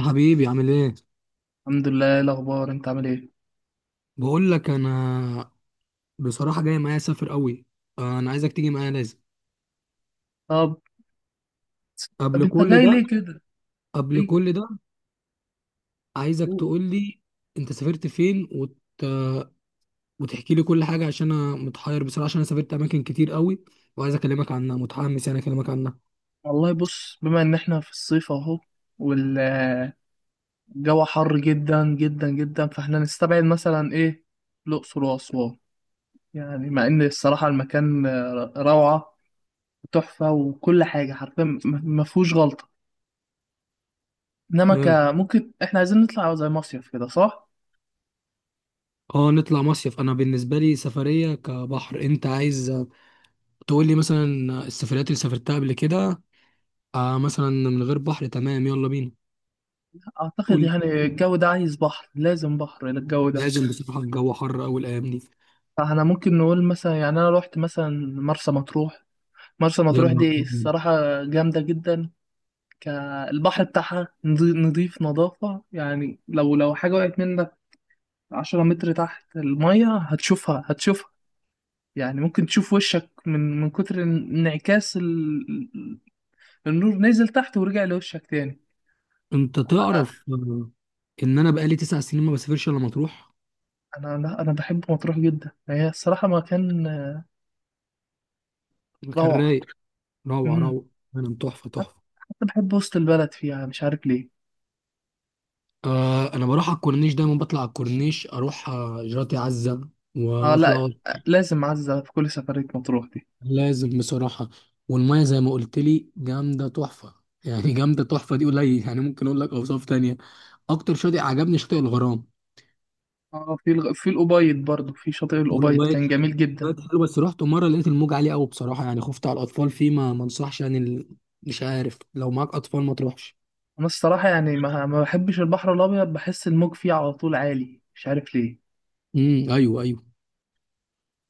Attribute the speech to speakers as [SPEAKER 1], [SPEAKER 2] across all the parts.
[SPEAKER 1] حبيبي عامل ايه؟
[SPEAKER 2] الحمد لله. إيه الاخبار؟ انت عامل ايه؟
[SPEAKER 1] بقول لك انا، بصراحه جاي معايا اسافر قوي. انا عايزك تيجي معايا لازم
[SPEAKER 2] طب. طب،
[SPEAKER 1] قبل
[SPEAKER 2] انت
[SPEAKER 1] كل
[SPEAKER 2] جاي
[SPEAKER 1] ده.
[SPEAKER 2] ليه كده؟
[SPEAKER 1] قبل
[SPEAKER 2] جاي كده؟
[SPEAKER 1] كل ده عايزك
[SPEAKER 2] قول.
[SPEAKER 1] تقول لي، انت سافرت فين وتحكي لي كل حاجه عشان انا متحير بصراحه، عشان انا سافرت اماكن كتير قوي وعايز اكلمك عنها، متحمس يعني اكلمك عنها.
[SPEAKER 2] والله، بص، بما ان احنا في الصيف اهو، والجو حر جدا جدا جدا. فاحنا نستبعد مثلا ايه؟ الاقصر واسوان. يعني مع ان الصراحه المكان روعه وتحفه وكل حاجه حرفيا. ما فيهوش غلطه. انما
[SPEAKER 1] حلو.
[SPEAKER 2] ممكن احنا عايزين نطلع زي مصيف كده، صح؟
[SPEAKER 1] اه، نطلع مصيف. انا بالنسبه لي سفريه كبحر، انت عايز تقول لي مثلا السفريات اللي سافرتها قبل كده؟ آه مثلا من غير بحر، تمام يلا بينا.
[SPEAKER 2] اعتقد
[SPEAKER 1] قول لي.
[SPEAKER 2] يعني الجو ده عايز بحر، لازم بحر للجو ده.
[SPEAKER 1] لازم بصراحه، الجو حر قوي الايام دي.
[SPEAKER 2] فاحنا ممكن نقول مثلا، يعني انا رحت مثلا مرسى مطروح. مرسى
[SPEAKER 1] يا
[SPEAKER 2] مطروح
[SPEAKER 1] نهار
[SPEAKER 2] دي
[SPEAKER 1] أبيض.
[SPEAKER 2] الصراحة جامدة جدا. كالبحر بتاعها نضيف، نظافة يعني لو حاجة وقعت منك عشرة متر تحت المية هتشوفها هتشوفها. يعني ممكن تشوف وشك من كتر انعكاس النور. نزل تحت ورجع لوشك تاني.
[SPEAKER 1] انت
[SPEAKER 2] انا.
[SPEAKER 1] تعرف ان انا بقالي تسع سنين ما بسافرش الا مطروح.
[SPEAKER 2] انا لا، انا بحب مطروح جدا، هي الصراحة مكان
[SPEAKER 1] مكان
[SPEAKER 2] روعة.
[SPEAKER 1] رايق. روعه
[SPEAKER 2] امم
[SPEAKER 1] روعه. انا تحفه
[SPEAKER 2] حتى
[SPEAKER 1] تحفه.
[SPEAKER 2] حتى بحب وسط البلد فيها، مش عارف ليه.
[SPEAKER 1] آه، انا بروح على الكورنيش دايما، بطلع على الكورنيش اروح جراتي عزه
[SPEAKER 2] اه،
[SPEAKER 1] واطلع.
[SPEAKER 2] لا، لازم عزة في كل سفرية مطروح دي.
[SPEAKER 1] لازم بصراحه. والميه زي ما قلت لي جامده تحفه. يعني جامده تحفه دي قليل، يعني ممكن اقول لك اوصاف تانية. اكتر شاطئ عجبني شاطئ الغرام
[SPEAKER 2] اه، في الأبيض برضه، في شاطئ الأبيض
[SPEAKER 1] والأوباية
[SPEAKER 2] كان جميل جدا.
[SPEAKER 1] بقت حلوه. بس رحت مره لقيت الموج عالي قوي بصراحه، يعني خفت على الاطفال فيه. ما انصحش يعني مش عارف، لو معاك اطفال ما تروحش.
[SPEAKER 2] أنا الصراحة يعني ما بحبش البحر الأبيض، بحس الموج فيه على طول عالي، مش عارف ليه.
[SPEAKER 1] ايوه ايوه.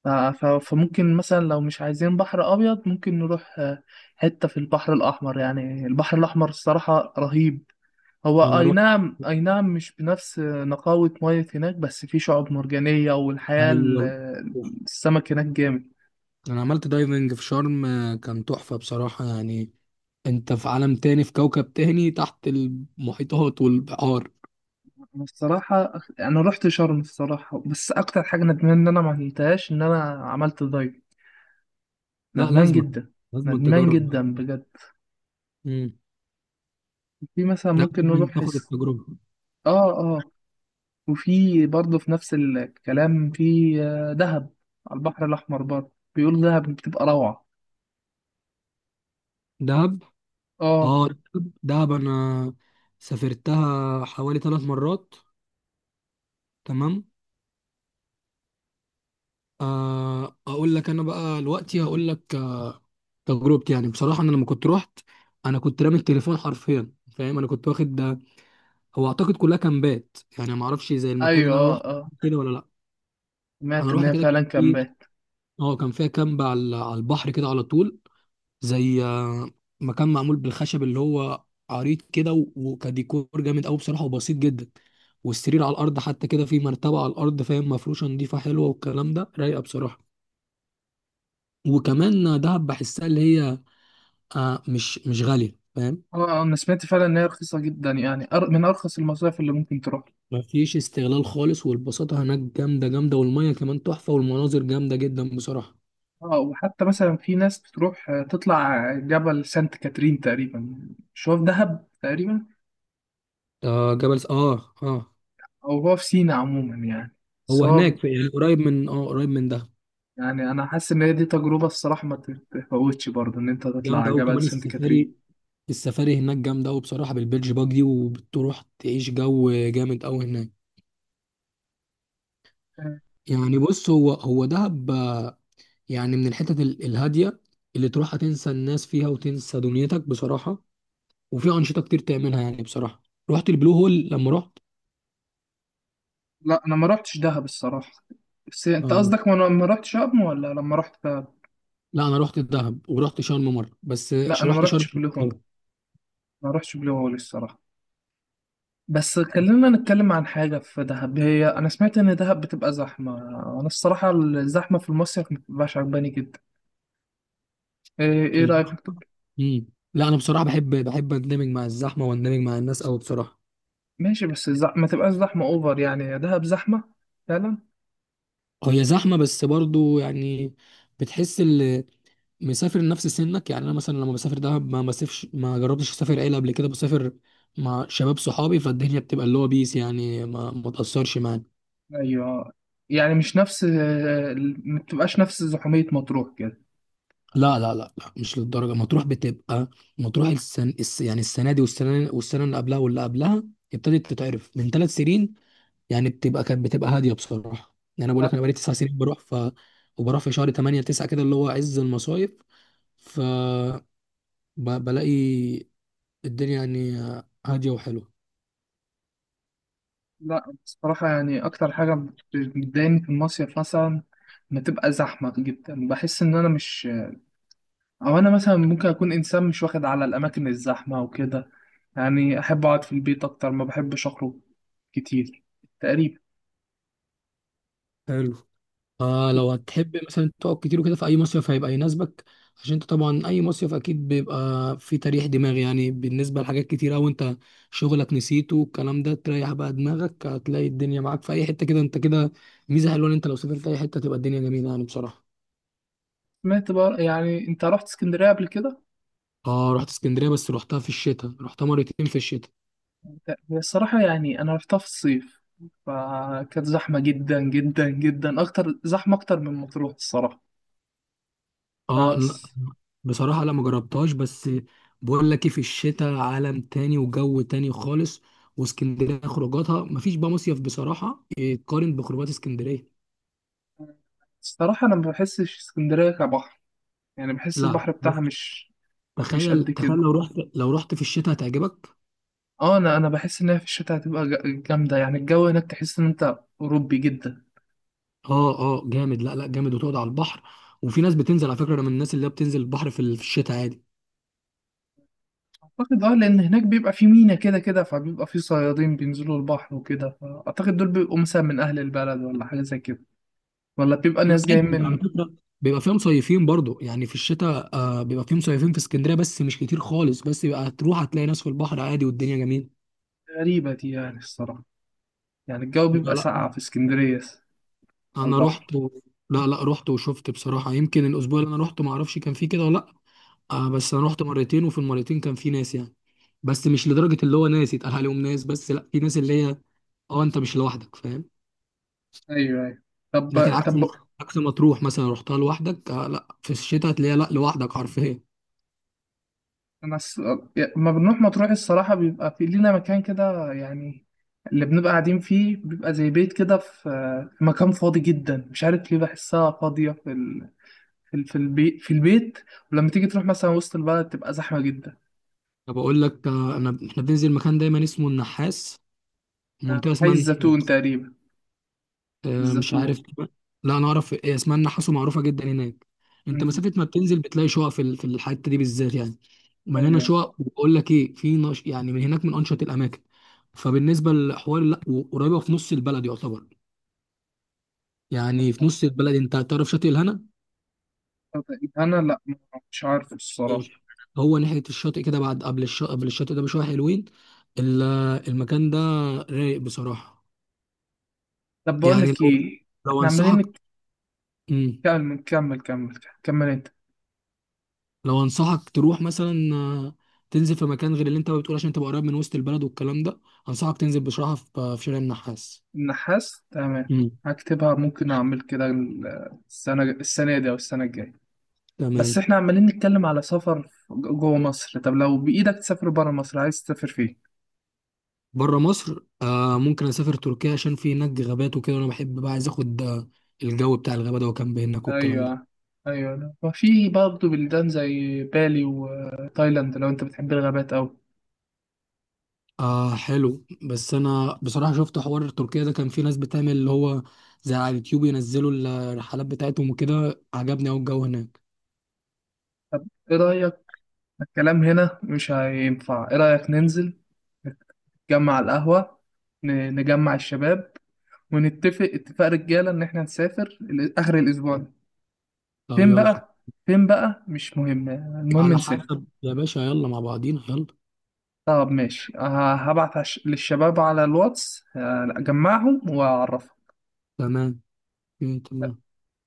[SPEAKER 2] فممكن مثلا لو مش عايزين بحر أبيض، ممكن نروح حتة في البحر الأحمر. يعني البحر الأحمر الصراحة رهيب. هو
[SPEAKER 1] انا
[SPEAKER 2] أي
[SPEAKER 1] رحت.
[SPEAKER 2] نعم، أي نعم، مش بنفس نقاوة مية هناك، بس في شعاب مرجانية،
[SPEAKER 1] ايوه،
[SPEAKER 2] السمك هناك جامد.
[SPEAKER 1] انا عملت دايفنج في شرم، كان تحفه بصراحه. يعني انت في عالم تاني، في كوكب تاني تحت المحيطات والبحار.
[SPEAKER 2] أنا الصراحة أنا رحت شرم الصراحة، بس أكتر حاجة ندمان إن أنا ما عملتهاش إن أنا عملت دايف.
[SPEAKER 1] لا
[SPEAKER 2] ندمان
[SPEAKER 1] لازم.
[SPEAKER 2] جدا،
[SPEAKER 1] لازم
[SPEAKER 2] ندمان
[SPEAKER 1] تجرب
[SPEAKER 2] جدا
[SPEAKER 1] بصراحه.
[SPEAKER 2] بجد.
[SPEAKER 1] امم.
[SPEAKER 2] في مثلا
[SPEAKER 1] لا
[SPEAKER 2] ممكن
[SPEAKER 1] لازم
[SPEAKER 2] نروح
[SPEAKER 1] تاخد
[SPEAKER 2] حس.
[SPEAKER 1] التجربه.
[SPEAKER 2] آه، آه. وفي برضه في نفس الكلام، في دهب، على البحر الأحمر برضه، بيقولوا دهب بتبقى روعة.
[SPEAKER 1] دهب.
[SPEAKER 2] آه.
[SPEAKER 1] اه دهب. دهب انا سافرتها حوالي ثلاث مرات. تمام. اقول لك انا بقى دلوقتي، هقول لك تجربتي يعني. بصراحه انا لما كنت رحت، انا كنت رامي التليفون حرفيا، فاهم؟ انا كنت واخد ده، هو اعتقد كلها كامبات يعني، ما اعرفش زي المكان
[SPEAKER 2] أيوه،
[SPEAKER 1] اللي انا
[SPEAKER 2] آه،
[SPEAKER 1] رحت
[SPEAKER 2] آه.
[SPEAKER 1] كده ولا لا.
[SPEAKER 2] سمعت
[SPEAKER 1] انا
[SPEAKER 2] إن
[SPEAKER 1] رحت
[SPEAKER 2] هي
[SPEAKER 1] كده
[SPEAKER 2] فعلا
[SPEAKER 1] كتير.
[SPEAKER 2] كامبات.
[SPEAKER 1] اه كان فيها كامب على البحر كده على طول، زي مكان معمول بالخشب، اللي هو عريض كده وكديكور جامد قوي بصراحه، وبسيط جدا. والسرير على الارض حتى، كده في مرتبه على الارض، فاهم؟ مفروشه نظيفه حلوه والكلام ده، رايقه بصراحه. وكمان دهب بحسها اللي هي آه مش غالية، فاهم؟
[SPEAKER 2] آه، آه، أنا سمعت فعلا إن هي رخيصة جدا. يعني من أرخص المصايف اللي ممكن تروح.
[SPEAKER 1] مفيش استغلال خالص، والبساطة هناك جامدة جامدة، والمية كمان تحفة، والمناظر جامدة جدا بصراحة.
[SPEAKER 2] اه، وحتى مثلا في ناس بتروح تطلع جبل سانت كاترين تقريبا. مش هو في دهب تقريبا؟
[SPEAKER 1] آه جبل اه اه.
[SPEAKER 2] او هو في سينا عموما يعني. بس
[SPEAKER 1] هو
[SPEAKER 2] هو،
[SPEAKER 1] هناك في، يعني قريب من اه، قريب من ده.
[SPEAKER 2] يعني انا حاسس ان هي دي تجربه الصراحه ما تتفوتش برضه، ان انت تطلع
[SPEAKER 1] جامدة أوي
[SPEAKER 2] جبل
[SPEAKER 1] كمان
[SPEAKER 2] سانت كاترين.
[SPEAKER 1] السفاري. السفاري هناك جامدة أوي بصراحة، بالبيتش باجي، وبتروح تعيش جو جامد أوي هناك.
[SPEAKER 2] آه،
[SPEAKER 1] يعني بص، هو هو دهب يعني من الحتت الهادية، اللي تروح هتنسى الناس فيها، وتنسى دنيتك بصراحة. وفي أنشطة كتير تعملها يعني بصراحة، رحت البلو هول لما رحت.
[SPEAKER 2] لا، انا ما رحتش دهب الصراحه. بس انت
[SPEAKER 1] آه.
[SPEAKER 2] قصدك، وانا ما رحتش ولا لما رحت دهب.
[SPEAKER 1] لا انا رحت الدهب، ورحت شرم مره بس.
[SPEAKER 2] لا، انا ما
[SPEAKER 1] رحت شرم.
[SPEAKER 2] رحتش بلو هول، ما رحتش بلو هول الصراحه. بس خلينا نتكلم عن حاجة في دهب. هي أنا سمعت إن دهب بتبقى زحمة. أنا الصراحة الزحمة في المصيف ما بتبقاش عجباني جدا. إيه رأيك؟
[SPEAKER 1] امم. لا انا بصراحه بحب اندمج مع الزحمه، واندمج مع الناس قوي بصراحه.
[SPEAKER 2] ماشي، بس ما تبقاش زحمة اوفر. يعني دهب زحمة فعلا.
[SPEAKER 1] هي زحمه بس برضو يعني، بتحس اللي مسافر نفس سنك. يعني انا مثلا لما بسافر دهب، ما بسافرش، ما جربتش اسافر عيله قبل كده. بسافر مع شباب صحابي، فالدنيا بتبقى اللي هو بيس يعني، ما تاثرش معانا.
[SPEAKER 2] ايوه. يعني مش نفس ما تبقاش نفس زحومية مطروح كده.
[SPEAKER 1] لا لا لا لا، مش للدرجه. مطروح بتبقى، مطروح السن الس يعني السنه دي والسنه والسنه اللي قبلها واللي قبلها ابتدت تتعرف من ثلاث سنين يعني. بتبقى كانت بتبقى هاديه بصراحه. يعني انا بقول
[SPEAKER 2] لا،
[SPEAKER 1] لك انا بقالي تسع سنين بروح، ف وبروح في شهر 8 9 كده، اللي هو عز المصايف، ف بلاقي الدنيا يعني هاديه وحلوه.
[SPEAKER 2] لا. بصراحة يعني اكتر حاجة بتضايقني في المصيف مثلا، ما تبقى زحمة جدا، بحس ان انا مش، او انا مثلا ممكن اكون انسان مش واخد على الاماكن الزحمة وكده. يعني احب اقعد في البيت اكتر، ما بحبش اخرج كتير تقريبا.
[SPEAKER 1] حلو. آه لو هتحب مثلا تقعد كتير وكده، في اي مصيف هيبقى يناسبك. عشان انت طبعا اي مصيف اكيد بيبقى فيه تريح دماغ يعني، بالنسبه لحاجات كتير، او انت شغلك نسيته والكلام ده، تريح بقى دماغك، هتلاقي الدنيا معاك في اي حته كده. انت كده ميزه حلوه ان انت لو سافرت اي حته تبقى الدنيا جميله يعني بصراحه.
[SPEAKER 2] سمعت بقى، يعني انت رحت اسكندرية قبل كده؟
[SPEAKER 1] اه رحت اسكندريه، بس رحتها في الشتاء، رحتها مرتين في الشتاء.
[SPEAKER 2] هي الصراحة يعني أنا رحتها في الصيف، فكانت زحمة جدا جدا جدا، أكتر زحمة أكتر من مطروح الصراحة.
[SPEAKER 1] اه لا
[SPEAKER 2] بس
[SPEAKER 1] بصراحه، لا ما جربتهاش. بس بقول لك ايه، في الشتاء عالم تاني، وجو تاني خالص. واسكندريه خروجاتها، مفيش بقى مصيف بصراحه يتقارن بخروجات اسكندريه.
[SPEAKER 2] الصراحة أنا ما بحسش اسكندرية كبحر، يعني بحس
[SPEAKER 1] لا لا،
[SPEAKER 2] البحر بتاعها
[SPEAKER 1] بس
[SPEAKER 2] مش، مش
[SPEAKER 1] تخيل
[SPEAKER 2] قد
[SPEAKER 1] تخيل
[SPEAKER 2] كده.
[SPEAKER 1] لو رحت، لو رحت في الشتاء هتعجبك.
[SPEAKER 2] اه، انا بحس ان هي في الشتاء هتبقى جامده. يعني الجو هناك تحس ان انت اوروبي جدا.
[SPEAKER 1] اه اه جامد، لا لا جامد. وتقعد على البحر، وفي ناس بتنزل. على فكره انا من الناس اللي هي بتنزل البحر في في الشتاء عادي.
[SPEAKER 2] اعتقد لان هناك بيبقى في مينا كده كده، فبيبقى في صيادين بينزلوا البحر وكده، فاعتقد دول بيبقوا مثلا من اهل البلد ولا حاجه زي كده، ولا بيبقى
[SPEAKER 1] لا
[SPEAKER 2] ناس جايين
[SPEAKER 1] عادي على
[SPEAKER 2] من.
[SPEAKER 1] فكره، بيبقى فيها مصيفين برضو يعني في الشتاء. آه بيبقى فيه مصيفين في اسكندريه، بس مش كتير خالص. بس بيبقى هتروح هتلاقي ناس في البحر عادي، والدنيا جميله.
[SPEAKER 2] غريبه دي يعني الصراحه. يعني الجو
[SPEAKER 1] لا
[SPEAKER 2] بيبقى
[SPEAKER 1] لا
[SPEAKER 2] ساقع في اسكندرية على
[SPEAKER 1] انا
[SPEAKER 2] البحر؟
[SPEAKER 1] رحت لا لا، رحت وشفت بصراحه. يمكن الاسبوع اللي انا رحته ما اعرفش كان فيه كده ولا لا. آه بس انا رحت مرتين، وفي المرتين كان فيه ناس يعني. بس مش لدرجه اللي هو ناس يتقال عليهم ناس، بس لا في ناس اللي هي اه، انت مش لوحدك، فاهم؟
[SPEAKER 2] أيوه، أيوه. طب.
[SPEAKER 1] لكن عكس،
[SPEAKER 2] طب.
[SPEAKER 1] عكس ما تروح مثلا رحتها لوحدك آه، لا في الشتاء هتلاقيها لا لوحدك حرفيا.
[SPEAKER 2] أنا لما بنروح مطروح الصراحة بيبقى في لينا مكان كده، يعني اللي بنبقى قاعدين فيه بيبقى زي بيت كده، في مكان فاضي جدا، مش عارف ليه، بحسها فاضية في البيت، في البيت. ولما تيجي تروح مثلا وسط البلد، تبقى زحمة جدا.
[SPEAKER 1] طب اقول لك انا احنا بننزل مكان دايما اسمه النحاس،
[SPEAKER 2] آه،
[SPEAKER 1] منطقه
[SPEAKER 2] حي
[SPEAKER 1] اسمها
[SPEAKER 2] الزيتون
[SPEAKER 1] النحاس.
[SPEAKER 2] تقريبا.
[SPEAKER 1] مش عارف.
[SPEAKER 2] الزيتون.
[SPEAKER 1] لا انا اعرف إيه اسمها، النحاس ومعروفه جدا هناك. انت
[SPEAKER 2] مم.
[SPEAKER 1] مسافه ما بتنزل، بتلاقي شقق في في الحته دي بالذات يعني. مليانه
[SPEAKER 2] أيوه.
[SPEAKER 1] شقق. وبقول لك ايه، في يعني من هناك من انشط الاماكن. فبالنسبه للحوار لا، قريبه في نص البلد يعتبر. يعني في
[SPEAKER 2] ما-
[SPEAKER 1] نص البلد، انت تعرف شاطئ الهنا؟
[SPEAKER 2] أنا لأ، مش عارف الصراحة.
[SPEAKER 1] ماشي. هو ناحيه الشاطئ كده بعد، قبل الشاطئ، قبل الشاطئ ده بشويه حلوين ال- المكان ده رايق بصراحه.
[SPEAKER 2] طب بقول
[SPEAKER 1] يعني
[SPEAKER 2] لك
[SPEAKER 1] لو،
[SPEAKER 2] إيه، احنا
[SPEAKER 1] انصحك،
[SPEAKER 2] عمالين.
[SPEAKER 1] مم.
[SPEAKER 2] كمل كمل كمل كمل انت.
[SPEAKER 1] لو انصحك تروح مثلا تنزل في مكان غير اللي انت بتقول، عشان تبقى قريب من وسط البلد والكلام ده. انصحك تنزل بصراحه في شارع النحاس.
[SPEAKER 2] النحاس، تمام.
[SPEAKER 1] مم.
[SPEAKER 2] هكتبها، ممكن اعمل كده. السنة دي او السنة الجاية. بس
[SPEAKER 1] تمام.
[SPEAKER 2] احنا عمالين نتكلم على سفر جوه مصر. طب لو بإيدك تسافر بره مصر، عايز تسافر فين؟
[SPEAKER 1] بره مصر آه، ممكن اسافر تركيا، عشان في هناك غابات وكده، وانا بحب بقى، عايز اخد الجو بتاع الغابه ده، وكامب هناك والكلام ده.
[SPEAKER 2] ايوه، ايوه، لا. وفي برضه بلدان زي بالي وتايلاند لو انت بتحب الغابات اوي.
[SPEAKER 1] آه حلو. بس انا بصراحه شفت حوار تركيا ده، كان في ناس بتعمل اللي هو زي، على اليوتيوب ينزلوا الرحلات بتاعتهم وكده، عجبني قوي الجو هناك.
[SPEAKER 2] طب ايه رأيك؟ الكلام هنا مش هينفع. ايه رأيك ننزل، نتجمع على القهوة، نجمع الشباب، ونتفق اتفاق رجاله ان احنا نسافر اخر الاسبوع ده.
[SPEAKER 1] طب
[SPEAKER 2] فين
[SPEAKER 1] يلا.
[SPEAKER 2] بقى؟ فين بقى؟ مش مهم، المهم
[SPEAKER 1] على
[SPEAKER 2] نسافر.
[SPEAKER 1] حسب يا باشا، يلا مع بعضينا، يلا.
[SPEAKER 2] طب ماشي، هبعت للشباب على الواتس، هجمعهم واعرفهم.
[SPEAKER 1] تمام. مم، تمام.